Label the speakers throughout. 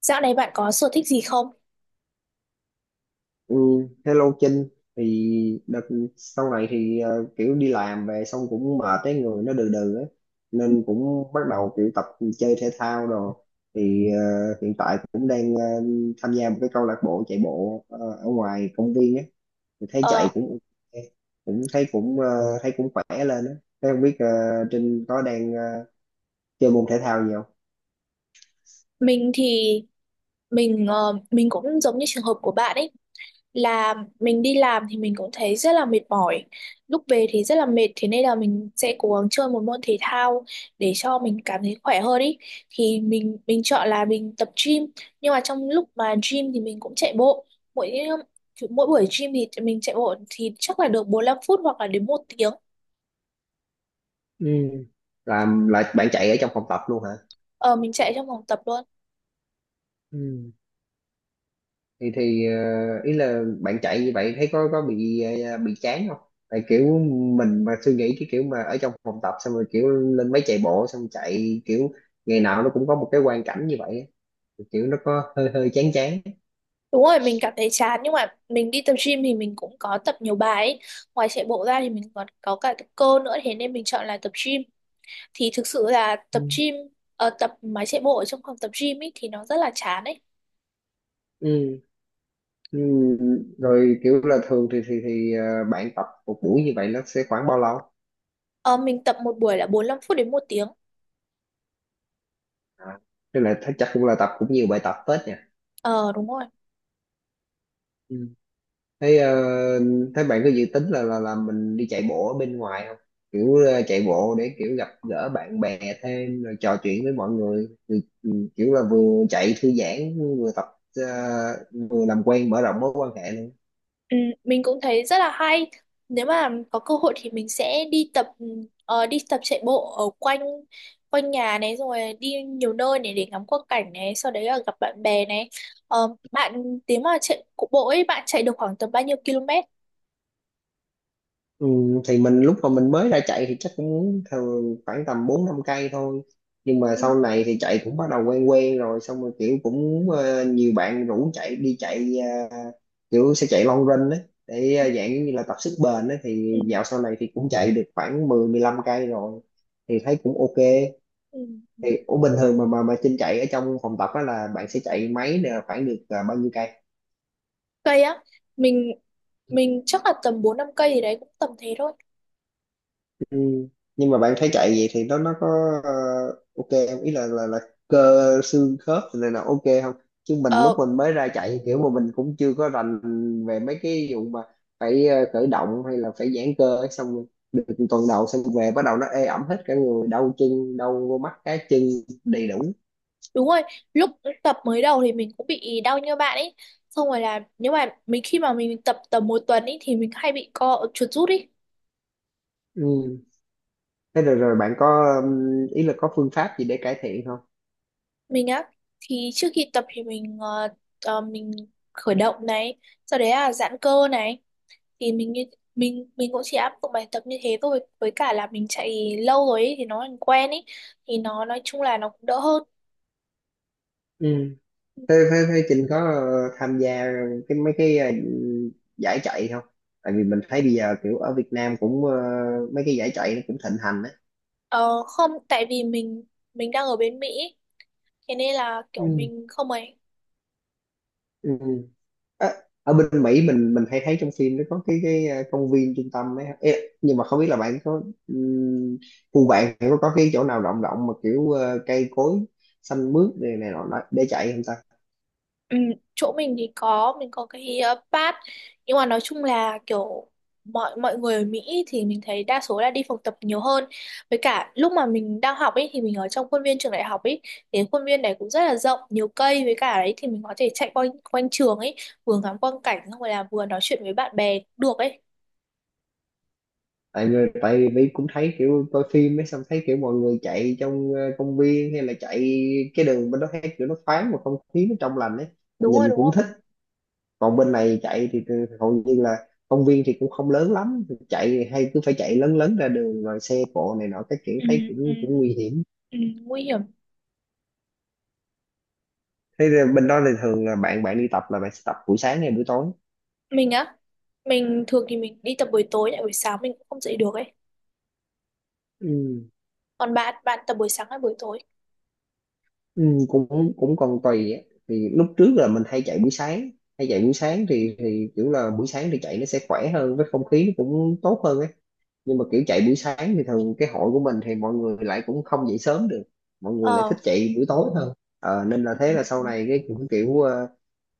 Speaker 1: Dạo này bạn có sở thích gì không?
Speaker 2: Ừ, hello Trinh. Thì đợt sau này thì kiểu đi làm về xong cũng mệt, cái người nó đừ đừ ấy, nên cũng bắt đầu kiểu tập chơi thể thao rồi. Thì hiện tại cũng đang tham gia một cái câu lạc bộ chạy bộ ở ngoài công viên ấy, thì thấy chạy
Speaker 1: Ờ,
Speaker 2: cũng ok, cũng thấy cũng thấy cũng khỏe lên ấy. Thế không biết Trinh có đang chơi môn thể thao gì không?
Speaker 1: mình thì mình ờ, mình cũng giống như trường hợp của bạn ấy là mình đi làm thì mình cũng thấy rất là mệt mỏi. Lúc về thì rất là mệt thế nên là mình sẽ cố gắng chơi một môn thể thao để cho mình cảm thấy khỏe hơn ấy. Thì mình chọn là mình tập gym nhưng mà trong lúc mà gym thì mình cũng chạy bộ. Mỗi mỗi buổi gym thì mình chạy bộ thì chắc là được 45 phút hoặc là đến một tiếng.
Speaker 2: Ừ. Làm là bạn chạy ở trong phòng tập luôn hả?
Speaker 1: Ờ, mình chạy trong phòng tập luôn.
Speaker 2: Ừ. Thì ý là bạn chạy như vậy thấy có bị bị chán không, tại kiểu mình mà suy nghĩ cái kiểu mà ở trong phòng tập xong rồi kiểu lên máy chạy bộ xong chạy kiểu ngày nào nó cũng có một cái quang cảnh như vậy á. Thì kiểu nó có hơi hơi chán chán.
Speaker 1: Đúng rồi, mình cảm thấy chán nhưng mà mình đi tập gym thì mình cũng có tập nhiều bài ấy. Ngoài chạy bộ ra thì mình còn có cả tập cơ nữa thế nên mình chọn là tập gym. Thì thực sự là
Speaker 2: Ừ.
Speaker 1: tập gym tập máy chạy bộ ở trong phòng tập gym ấy thì nó rất là chán ấy.
Speaker 2: Ừ. Ừ. Rồi kiểu là thường thì bạn tập một buổi như vậy nó sẽ khoảng bao lâu?
Speaker 1: Ờ, mình tập một buổi là 45 phút đến một tiếng.
Speaker 2: À. Tức là chắc cũng là tập cũng nhiều bài tập phết nhỉ?
Speaker 1: Ờ đúng rồi.
Speaker 2: Ừ. Thế thế bạn có dự tính là mình đi chạy bộ ở bên ngoài không? Kiểu chạy bộ để kiểu gặp gỡ bạn bè thêm rồi trò chuyện với mọi người, ừ, ừ, kiểu là vừa chạy thư giãn vừa tập ờ, vừa làm quen mở rộng mối quan hệ.
Speaker 1: Ừ, mình cũng thấy rất là hay. Nếu mà có cơ hội thì mình sẽ đi tập đi tập chạy bộ ở quanh quanh nhà này rồi đi nhiều nơi này để ngắm quang cảnh này, sau đấy là gặp bạn bè này. Bạn nếu mà chạy cụ bộ ấy bạn chạy được khoảng tầm bao nhiêu km?
Speaker 2: Ừ, thì mình lúc mà mình mới ra chạy thì chắc cũng thường khoảng tầm 4 5 cây thôi. Nhưng mà
Speaker 1: Ừ,
Speaker 2: sau này thì chạy cũng bắt đầu quen quen rồi, xong rồi kiểu cũng nhiều bạn rủ chạy, đi chạy ờ, kiểu sẽ chạy long run đấy, để dạng như là tập sức bền đấy, thì
Speaker 1: ừ,
Speaker 2: dạo sau này thì cũng chạy được khoảng mười mười lăm cây rồi, thì thấy cũng ok.
Speaker 1: ừ, ừ.
Speaker 2: Thì ủa bình thường mà Trinh chạy ở trong phòng tập á là bạn sẽ chạy máy là khoảng được bao nhiêu cây?
Speaker 1: Cây á, mình mình chắc là tầm 4 5 cây gì đấy cũng tầm thế thôi.
Speaker 2: Ừ. Nhưng mà bạn thấy chạy vậy thì nó có ờ, ok không? Ý là cơ xương khớp này là ok không? Chứ mình lúc
Speaker 1: Ờ,
Speaker 2: mình mới ra chạy kiểu mà mình cũng chưa có rành về mấy cái vụ mà phải khởi động hay là phải giãn cơ ấy, xong rồi được tuần đầu xong về bắt đầu nó ê ẩm hết cả người, đau chân, đau vô mắt cá chân đầy đủ.
Speaker 1: Đúng rồi, lúc tập mới đầu thì mình cũng bị đau như bạn ấy. Xong rồi là nếu mà mình khi mà mình tập tầm một tuần ấy thì mình hay bị co chuột rút ấy.
Speaker 2: Ừ. Thế rồi rồi bạn có ý là có phương pháp gì để cải thiện không?
Speaker 1: Mình á thì trước khi tập thì mình khởi động này, sau đấy là giãn cơ này thì mình như mình cũng chỉ áp dụng bài tập như thế thôi với cả là mình chạy lâu rồi ấy, thì nó thành quen ấy thì nó nói chung là nó cũng đỡ hơn.
Speaker 2: Ừ. Thế Trinh có tham gia mấy cái giải chạy không? Tại vì mình thấy bây giờ kiểu ở Việt Nam cũng mấy cái giải chạy nó cũng thịnh hành á.
Speaker 1: Ờ, không tại vì mình đang ở bên Mỹ thế nên là kiểu
Speaker 2: Ừ.
Speaker 1: mình không ấy.
Speaker 2: Ừ. Ờ, ở bên Mỹ mình hay thấy trong phim nó có cái công viên trung tâm ấy. Ê, nhưng mà không biết là bạn có ừm, khu bạn có cái chỗ nào rộng rộng mà kiểu cây cối xanh mướt này này nọ nọ để chạy không ta?
Speaker 1: Ừ, chỗ mình thì có mình có cái pass nhưng mà nói chung là kiểu mọi mọi người ở Mỹ thì mình thấy đa số là đi phòng tập nhiều hơn với cả lúc mà mình đang học ấy thì mình ở trong khuôn viên trường đại học ấy thì khuôn viên này cũng rất là rộng nhiều cây với cả đấy thì mình có thể chạy quanh quanh trường ấy vừa ngắm quang cảnh xong rồi là vừa nói chuyện với bạn bè cũng được ấy.
Speaker 2: Tại vì cũng thấy kiểu coi phim ấy, xong thấy kiểu mọi người chạy trong công viên hay là chạy cái đường bên đó, thấy kiểu nó thoáng mà không khí nó trong lành ấy,
Speaker 1: Đúng
Speaker 2: nhìn
Speaker 1: rồi đúng
Speaker 2: cũng
Speaker 1: không.
Speaker 2: thích. Còn bên này chạy thì hầu như là công viên thì cũng không lớn lắm, chạy thì hay cứ phải chạy lớn lớn ra đường rồi xe cộ này nọ các kiểu,
Speaker 1: Ừ,
Speaker 2: thấy
Speaker 1: ừ,
Speaker 2: cũng cũng nguy hiểm.
Speaker 1: ừ, nguy hiểm.
Speaker 2: Thế là bên đó thì thường là bạn bạn đi tập là bạn sẽ tập buổi sáng hay buổi tối?
Speaker 1: Mình á mình thường thì mình đi tập buổi tối lại buổi sáng mình cũng không dậy được ấy.
Speaker 2: Ừ.
Speaker 1: Còn bạn bạn tập buổi sáng hay buổi tối?
Speaker 2: Ừ, cũng cũng còn tùy á. Thì lúc trước là mình hay chạy buổi sáng, hay chạy buổi sáng thì kiểu là buổi sáng thì chạy nó sẽ khỏe hơn, với không khí nó cũng tốt hơn ấy, nhưng mà kiểu chạy buổi sáng thì thường cái hội của mình thì mọi người lại cũng không dậy sớm được, mọi người lại
Speaker 1: Ờ,
Speaker 2: thích chạy buổi tối hơn. Ờ, nên là thế là sau
Speaker 1: ừ,
Speaker 2: này cái cũng kiểu ờ,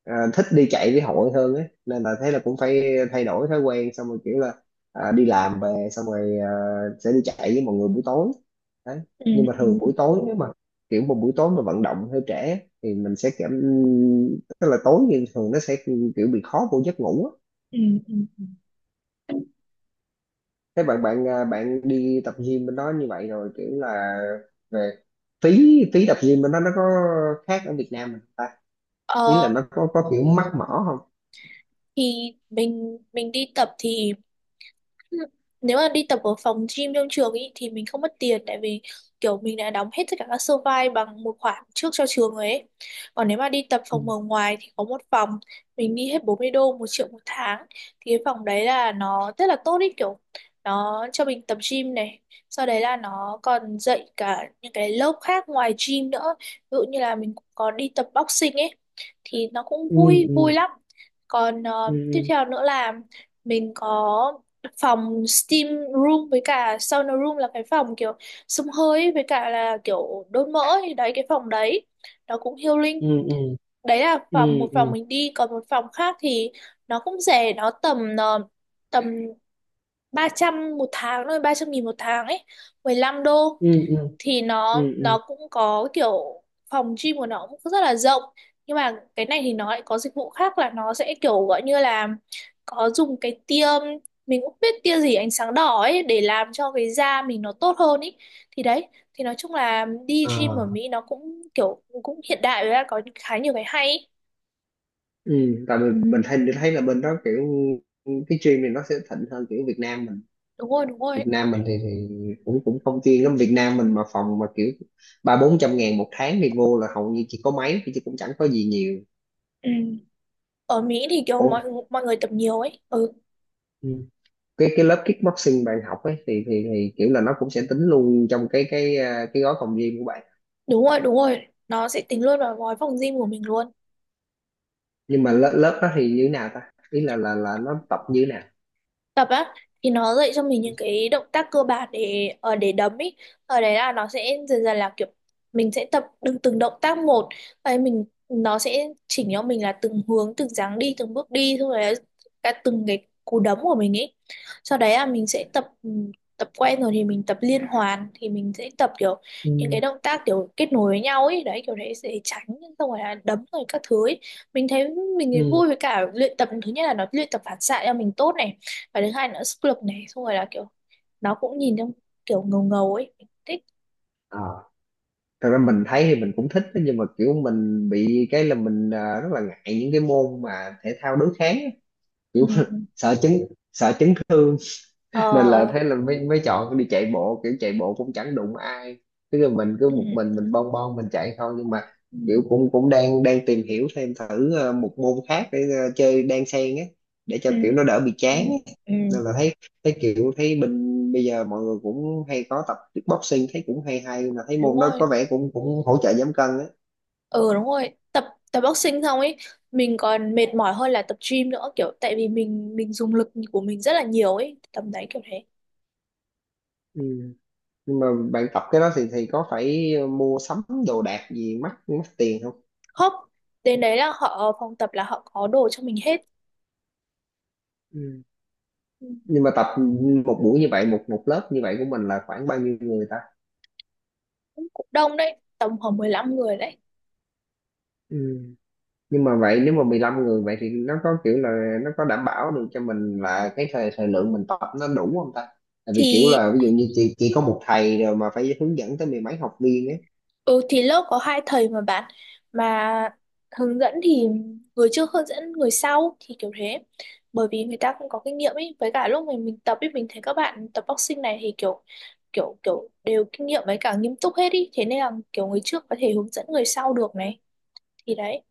Speaker 2: ờ, thích đi chạy với hội hơn ấy, nên là thế là cũng phải thay đổi thói quen, xong rồi kiểu là đi làm về xong rồi sẽ đi chạy với mọi người buổi tối. Đấy. Nhưng
Speaker 1: ừ,
Speaker 2: mà thường buổi tối nếu mà kiểu một buổi tối mà vận động hơi trễ thì mình sẽ cảm, tức là tối thì thường nó sẽ kiểu bị khó vô giấc ngủ á.
Speaker 1: ừ, ừ, ừ.
Speaker 2: Thế bạn bạn à, bạn đi tập gym bên đó như vậy rồi kiểu là về, phí phí tập gym bên đó nó có khác ở Việt Nam mình ta, ý là
Speaker 1: Ờ,
Speaker 2: nó có kiểu mắc mỏ không?
Speaker 1: thì mình đi tập thì nếu mà đi tập ở phòng gym trong trường ý thì mình không mất tiền tại vì kiểu mình đã đóng hết tất cả các sơ vai bằng một khoản trước cho trường rồi ấy. Còn nếu mà đi tập
Speaker 2: Ừ,
Speaker 1: phòng ở ngoài thì có một phòng mình đi hết 40 đô một triệu một tháng thì cái phòng đấy là nó rất là tốt ý kiểu nó cho mình tập gym này, sau đấy là nó còn dạy cả những cái lớp khác ngoài gym nữa, ví dụ như là mình cũng có đi tập boxing ấy thì nó cũng
Speaker 2: ừ,
Speaker 1: vui vui lắm. Còn tiếp
Speaker 2: ừ,
Speaker 1: theo nữa là mình có phòng steam room với cả sauna room là cái phòng kiểu xông hơi ấy, với cả là kiểu đốt mỡ thì đấy cái phòng đấy nó cũng healing.
Speaker 2: ừ, ừ,
Speaker 1: Đấy là phòng
Speaker 2: ừ,
Speaker 1: một phòng
Speaker 2: ừ,
Speaker 1: mình đi, còn một phòng khác thì nó cũng rẻ, nó tầm 300 một tháng thôi, 300.000 một tháng ấy, 15 đô.
Speaker 2: ừ, ừ, ừ,
Speaker 1: Thì nó
Speaker 2: ừ, ừ.
Speaker 1: nó cũng có kiểu phòng gym của nó cũng rất là rộng nhưng mà cái này thì nó lại có dịch vụ khác là nó sẽ kiểu gọi như là có dùng cái tia, mình cũng biết tia gì, ánh sáng đỏ ấy để làm cho cái da mình nó tốt hơn ấy thì đấy. Thì nói chung là đi
Speaker 2: Ờ.
Speaker 1: gym ở Mỹ nó cũng kiểu cũng hiện đại với là có khá nhiều cái hay ấy.
Speaker 2: Ừ, tại mình thấy là bên đó kiểu cái gym này nó sẽ thịnh hơn kiểu Việt Nam mình.
Speaker 1: Đúng rồi đúng
Speaker 2: Việt
Speaker 1: rồi.
Speaker 2: Nam mình thì cũng cũng không chuyên lắm. Việt Nam mình mà phòng mà kiểu ba bốn trăm ngàn một tháng thì vô là hầu như chỉ có máy chứ cũng chẳng có gì nhiều.
Speaker 1: Ừ. Ở Mỹ thì kiểu
Speaker 2: Ồ.
Speaker 1: mọi mọi người tập nhiều ấy. Ừ.
Speaker 2: Ừ. Cái lớp kickboxing bạn học ấy thì kiểu là nó cũng sẽ tính luôn trong cái gói phòng gym của bạn.
Speaker 1: Đúng rồi, đúng rồi. Nó sẽ tính luôn vào gói phòng gym của mình luôn.
Speaker 2: Nhưng mà lớp lớp đó thì như thế nào ta? Ý là nó tập như thế nào?
Speaker 1: Tập á thì nó dạy cho mình những cái động tác cơ bản để đấm ý. Ở đấy là nó sẽ dần dần là kiểu mình sẽ tập từng từng động tác một ấy, mình nó sẽ chỉnh cho mình là từng hướng, từng dáng đi, từng bước đi, xong rồi là cả từng cái cú đấm của mình ấy. Sau đấy là mình sẽ tập tập quen rồi thì mình tập liên hoàn thì mình sẽ tập kiểu những cái
Speaker 2: Ừ.
Speaker 1: động tác kiểu kết nối với nhau ấy đấy, kiểu đấy sẽ tránh xong rồi là đấm rồi các thứ ấy. Mình thấy mình thấy
Speaker 2: Ừ.
Speaker 1: vui, với cả luyện tập thứ nhất là nó luyện tập phản xạ cho mình tốt này, và thứ hai nữa sức lực này, xong rồi là kiểu nó cũng nhìn trong kiểu ngầu ngầu ấy. Mình thích.
Speaker 2: Ờ, thật ra mình thấy thì mình cũng thích đó, nhưng mà kiểu mình bị cái là rất là ngại những cái môn mà thể thao đối kháng á.
Speaker 1: Ừ,
Speaker 2: Kiểu
Speaker 1: ừ.
Speaker 2: sợ chấn sợ chấn thương,
Speaker 1: ờ
Speaker 2: nên là thế là mới mới chọn đi chạy bộ, kiểu chạy bộ cũng chẳng đụng ai, tức là mình cứ
Speaker 1: ừ,
Speaker 2: một mình
Speaker 1: ừ,
Speaker 2: mình bon bon mình chạy thôi, nhưng mà kiểu cũng cũng đang đang tìm hiểu thêm, thử một môn khác để chơi đan xen á, để cho
Speaker 1: ừ,
Speaker 2: kiểu nó đỡ bị
Speaker 1: ừ,
Speaker 2: chán á.
Speaker 1: ừ, ừ.
Speaker 2: Nên là thấy thấy kiểu thấy mình bây giờ mọi người cũng hay có tập kickboxing, thấy cũng hay hay, mà thấy
Speaker 1: Đúng
Speaker 2: môn đó có
Speaker 1: rồi.
Speaker 2: vẻ cũng cũng hỗ trợ giảm cân á.
Speaker 1: Ừ đúng rồi. Tập tập boxing xong ấy mình còn mệt mỏi hơn là tập gym nữa kiểu tại vì mình dùng lực của mình rất là nhiều ấy tầm đấy kiểu thế.
Speaker 2: Ừ. Nhưng mà bạn tập cái đó thì có phải mua sắm đồ đạc gì mắc mắc tiền
Speaker 1: Không, đến đấy là họ, phòng tập là họ có đồ cho mình hết.
Speaker 2: không?
Speaker 1: Ừ,
Speaker 2: Nhưng mà tập một buổi như vậy, một một lớp như vậy của mình là khoảng bao nhiêu người ta?
Speaker 1: cũng cũng đông đấy, tầm khoảng 15 người đấy.
Speaker 2: Ừ. Nhưng mà vậy, nếu mà 15 người vậy thì nó có kiểu là nó có đảm bảo được cho mình là cái thời thời lượng mình tập nó đủ không ta? Tại vì kiểu
Speaker 1: Thì
Speaker 2: là ví dụ như chỉ có một thầy rồi mà phải hướng dẫn tới mười mấy học viên ấy.
Speaker 1: ừ thì lớp có hai thầy mà bạn mà hướng dẫn thì người trước hướng dẫn người sau thì kiểu thế, bởi vì người ta cũng có kinh nghiệm ấy. Với cả lúc mình tập ấy, mình thấy các bạn tập boxing này thì kiểu kiểu kiểu đều kinh nghiệm với cả nghiêm túc hết ý, thế nên là kiểu người trước có thể hướng dẫn người sau được này, thì đấy.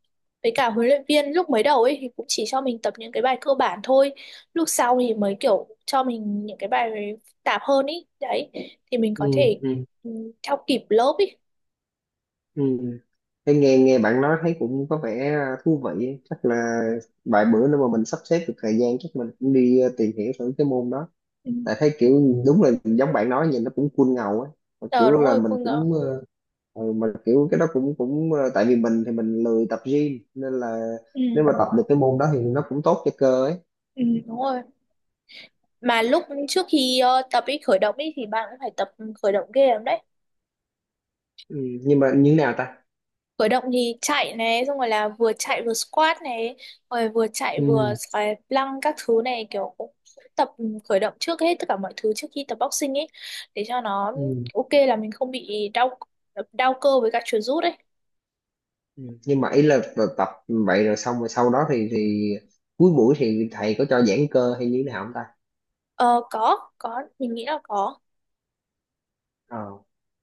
Speaker 1: Với cả huấn luyện viên lúc mới đầu ấy thì cũng chỉ cho mình tập những cái bài cơ bản thôi, lúc sau thì mới kiểu cho mình những cái bài phức tạp hơn ý, đấy thì mình
Speaker 2: Ừ,
Speaker 1: có thể
Speaker 2: ừ,
Speaker 1: ừ, theo kịp lớp ý.
Speaker 2: ừ. Thế nghe nghe bạn nói thấy cũng có vẻ thú vị ấy. Chắc là vài bữa nữa mà mình sắp xếp được thời gian, chắc mình cũng đi tìm hiểu thử cái môn đó.
Speaker 1: Ừ.
Speaker 2: Tại thấy kiểu đúng là giống bạn nói, nhìn nó cũng cool ngầu á, mà
Speaker 1: Ờ
Speaker 2: kiểu
Speaker 1: đúng
Speaker 2: là
Speaker 1: rồi,
Speaker 2: mình
Speaker 1: cô ngờ.
Speaker 2: cũng ừ, mà kiểu cái đó cũng cũng tại vì mình thì mình lười tập gym, nên là
Speaker 1: Ừ.
Speaker 2: nếu mà tập được cái môn đó thì nó cũng tốt cho cơ ấy.
Speaker 1: Ừ đúng rồi. Mà lúc trước khi tập ý, khởi động ý thì bạn cũng phải tập khởi động ghê lắm đấy.
Speaker 2: Ừ, nhưng mà như thế nào ta?
Speaker 1: Khởi động thì chạy này, xong rồi là vừa chạy vừa squat này, rồi vừa chạy vừa
Speaker 2: Ừ,
Speaker 1: xoài lăng các thứ này, kiểu cũng tập khởi động trước hết tất cả mọi thứ trước khi tập boxing ấy để cho nó
Speaker 2: ừ,
Speaker 1: ok, là mình không bị đau đau cơ với cả chuột rút ấy.
Speaker 2: ừ. Nhưng mà ý là tập vậy rồi, xong rồi sau đó thì cuối buổi thì thầy có cho giãn cơ hay như thế nào không ta?
Speaker 1: Ờ có, mình nghĩ là có.
Speaker 2: Ờ.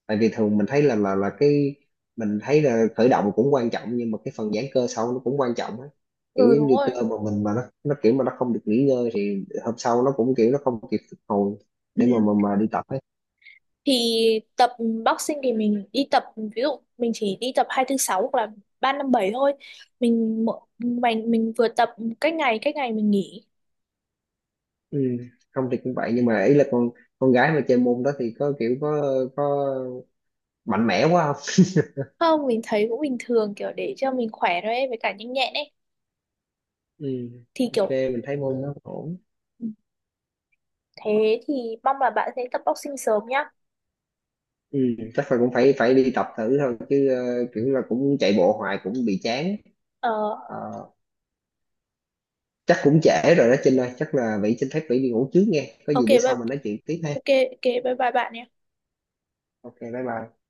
Speaker 2: Tại vì thường mình thấy là cái, mình thấy là khởi động cũng quan trọng nhưng mà cái phần giãn cơ sau nó cũng quan trọng á, kiểu
Speaker 1: Ừ
Speaker 2: giống
Speaker 1: đúng
Speaker 2: như cơ
Speaker 1: rồi.
Speaker 2: mà mình, mà nó kiểu mà nó không được nghỉ ngơi thì hôm sau nó cũng kiểu nó không kịp phục hồi
Speaker 1: Ừ.
Speaker 2: để mà đi tập ấy.
Speaker 1: Thì tập boxing thì mình đi tập ví dụ mình chỉ đi tập hai thứ sáu hoặc là ba năm bảy thôi, mình mỗi- mình vừa tập cách ngày, cách ngày mình nghỉ.
Speaker 2: Ừ. Không thì cũng vậy, nhưng mà ý là con gái mà chơi môn đó thì có kiểu có mạnh mẽ quá không?
Speaker 1: Không, mình thấy cũng bình thường kiểu để cho mình khỏe thôi ấy, với cả nhanh nhẹn ấy
Speaker 2: Ừ.
Speaker 1: thì
Speaker 2: Ok,
Speaker 1: kiểu
Speaker 2: mình thấy môn nó ổn.
Speaker 1: thế. Thì mong là bạn sẽ tập boxing sớm nhá.
Speaker 2: Ừ. Chắc là cũng phải phải đi tập thử thôi chứ, kiểu là cũng chạy bộ hoài cũng bị chán.
Speaker 1: ờ
Speaker 2: Ờ, chắc cũng trễ rồi đó Trinh ơi, chắc là Vĩ xin phép, Vĩ đi ngủ trước nghe, có gì
Speaker 1: ok
Speaker 2: bữa
Speaker 1: bye,
Speaker 2: sau mình nói chuyện tiếp ha.
Speaker 1: ok ok bye bye bạn nhé.
Speaker 2: Ok, bye bye.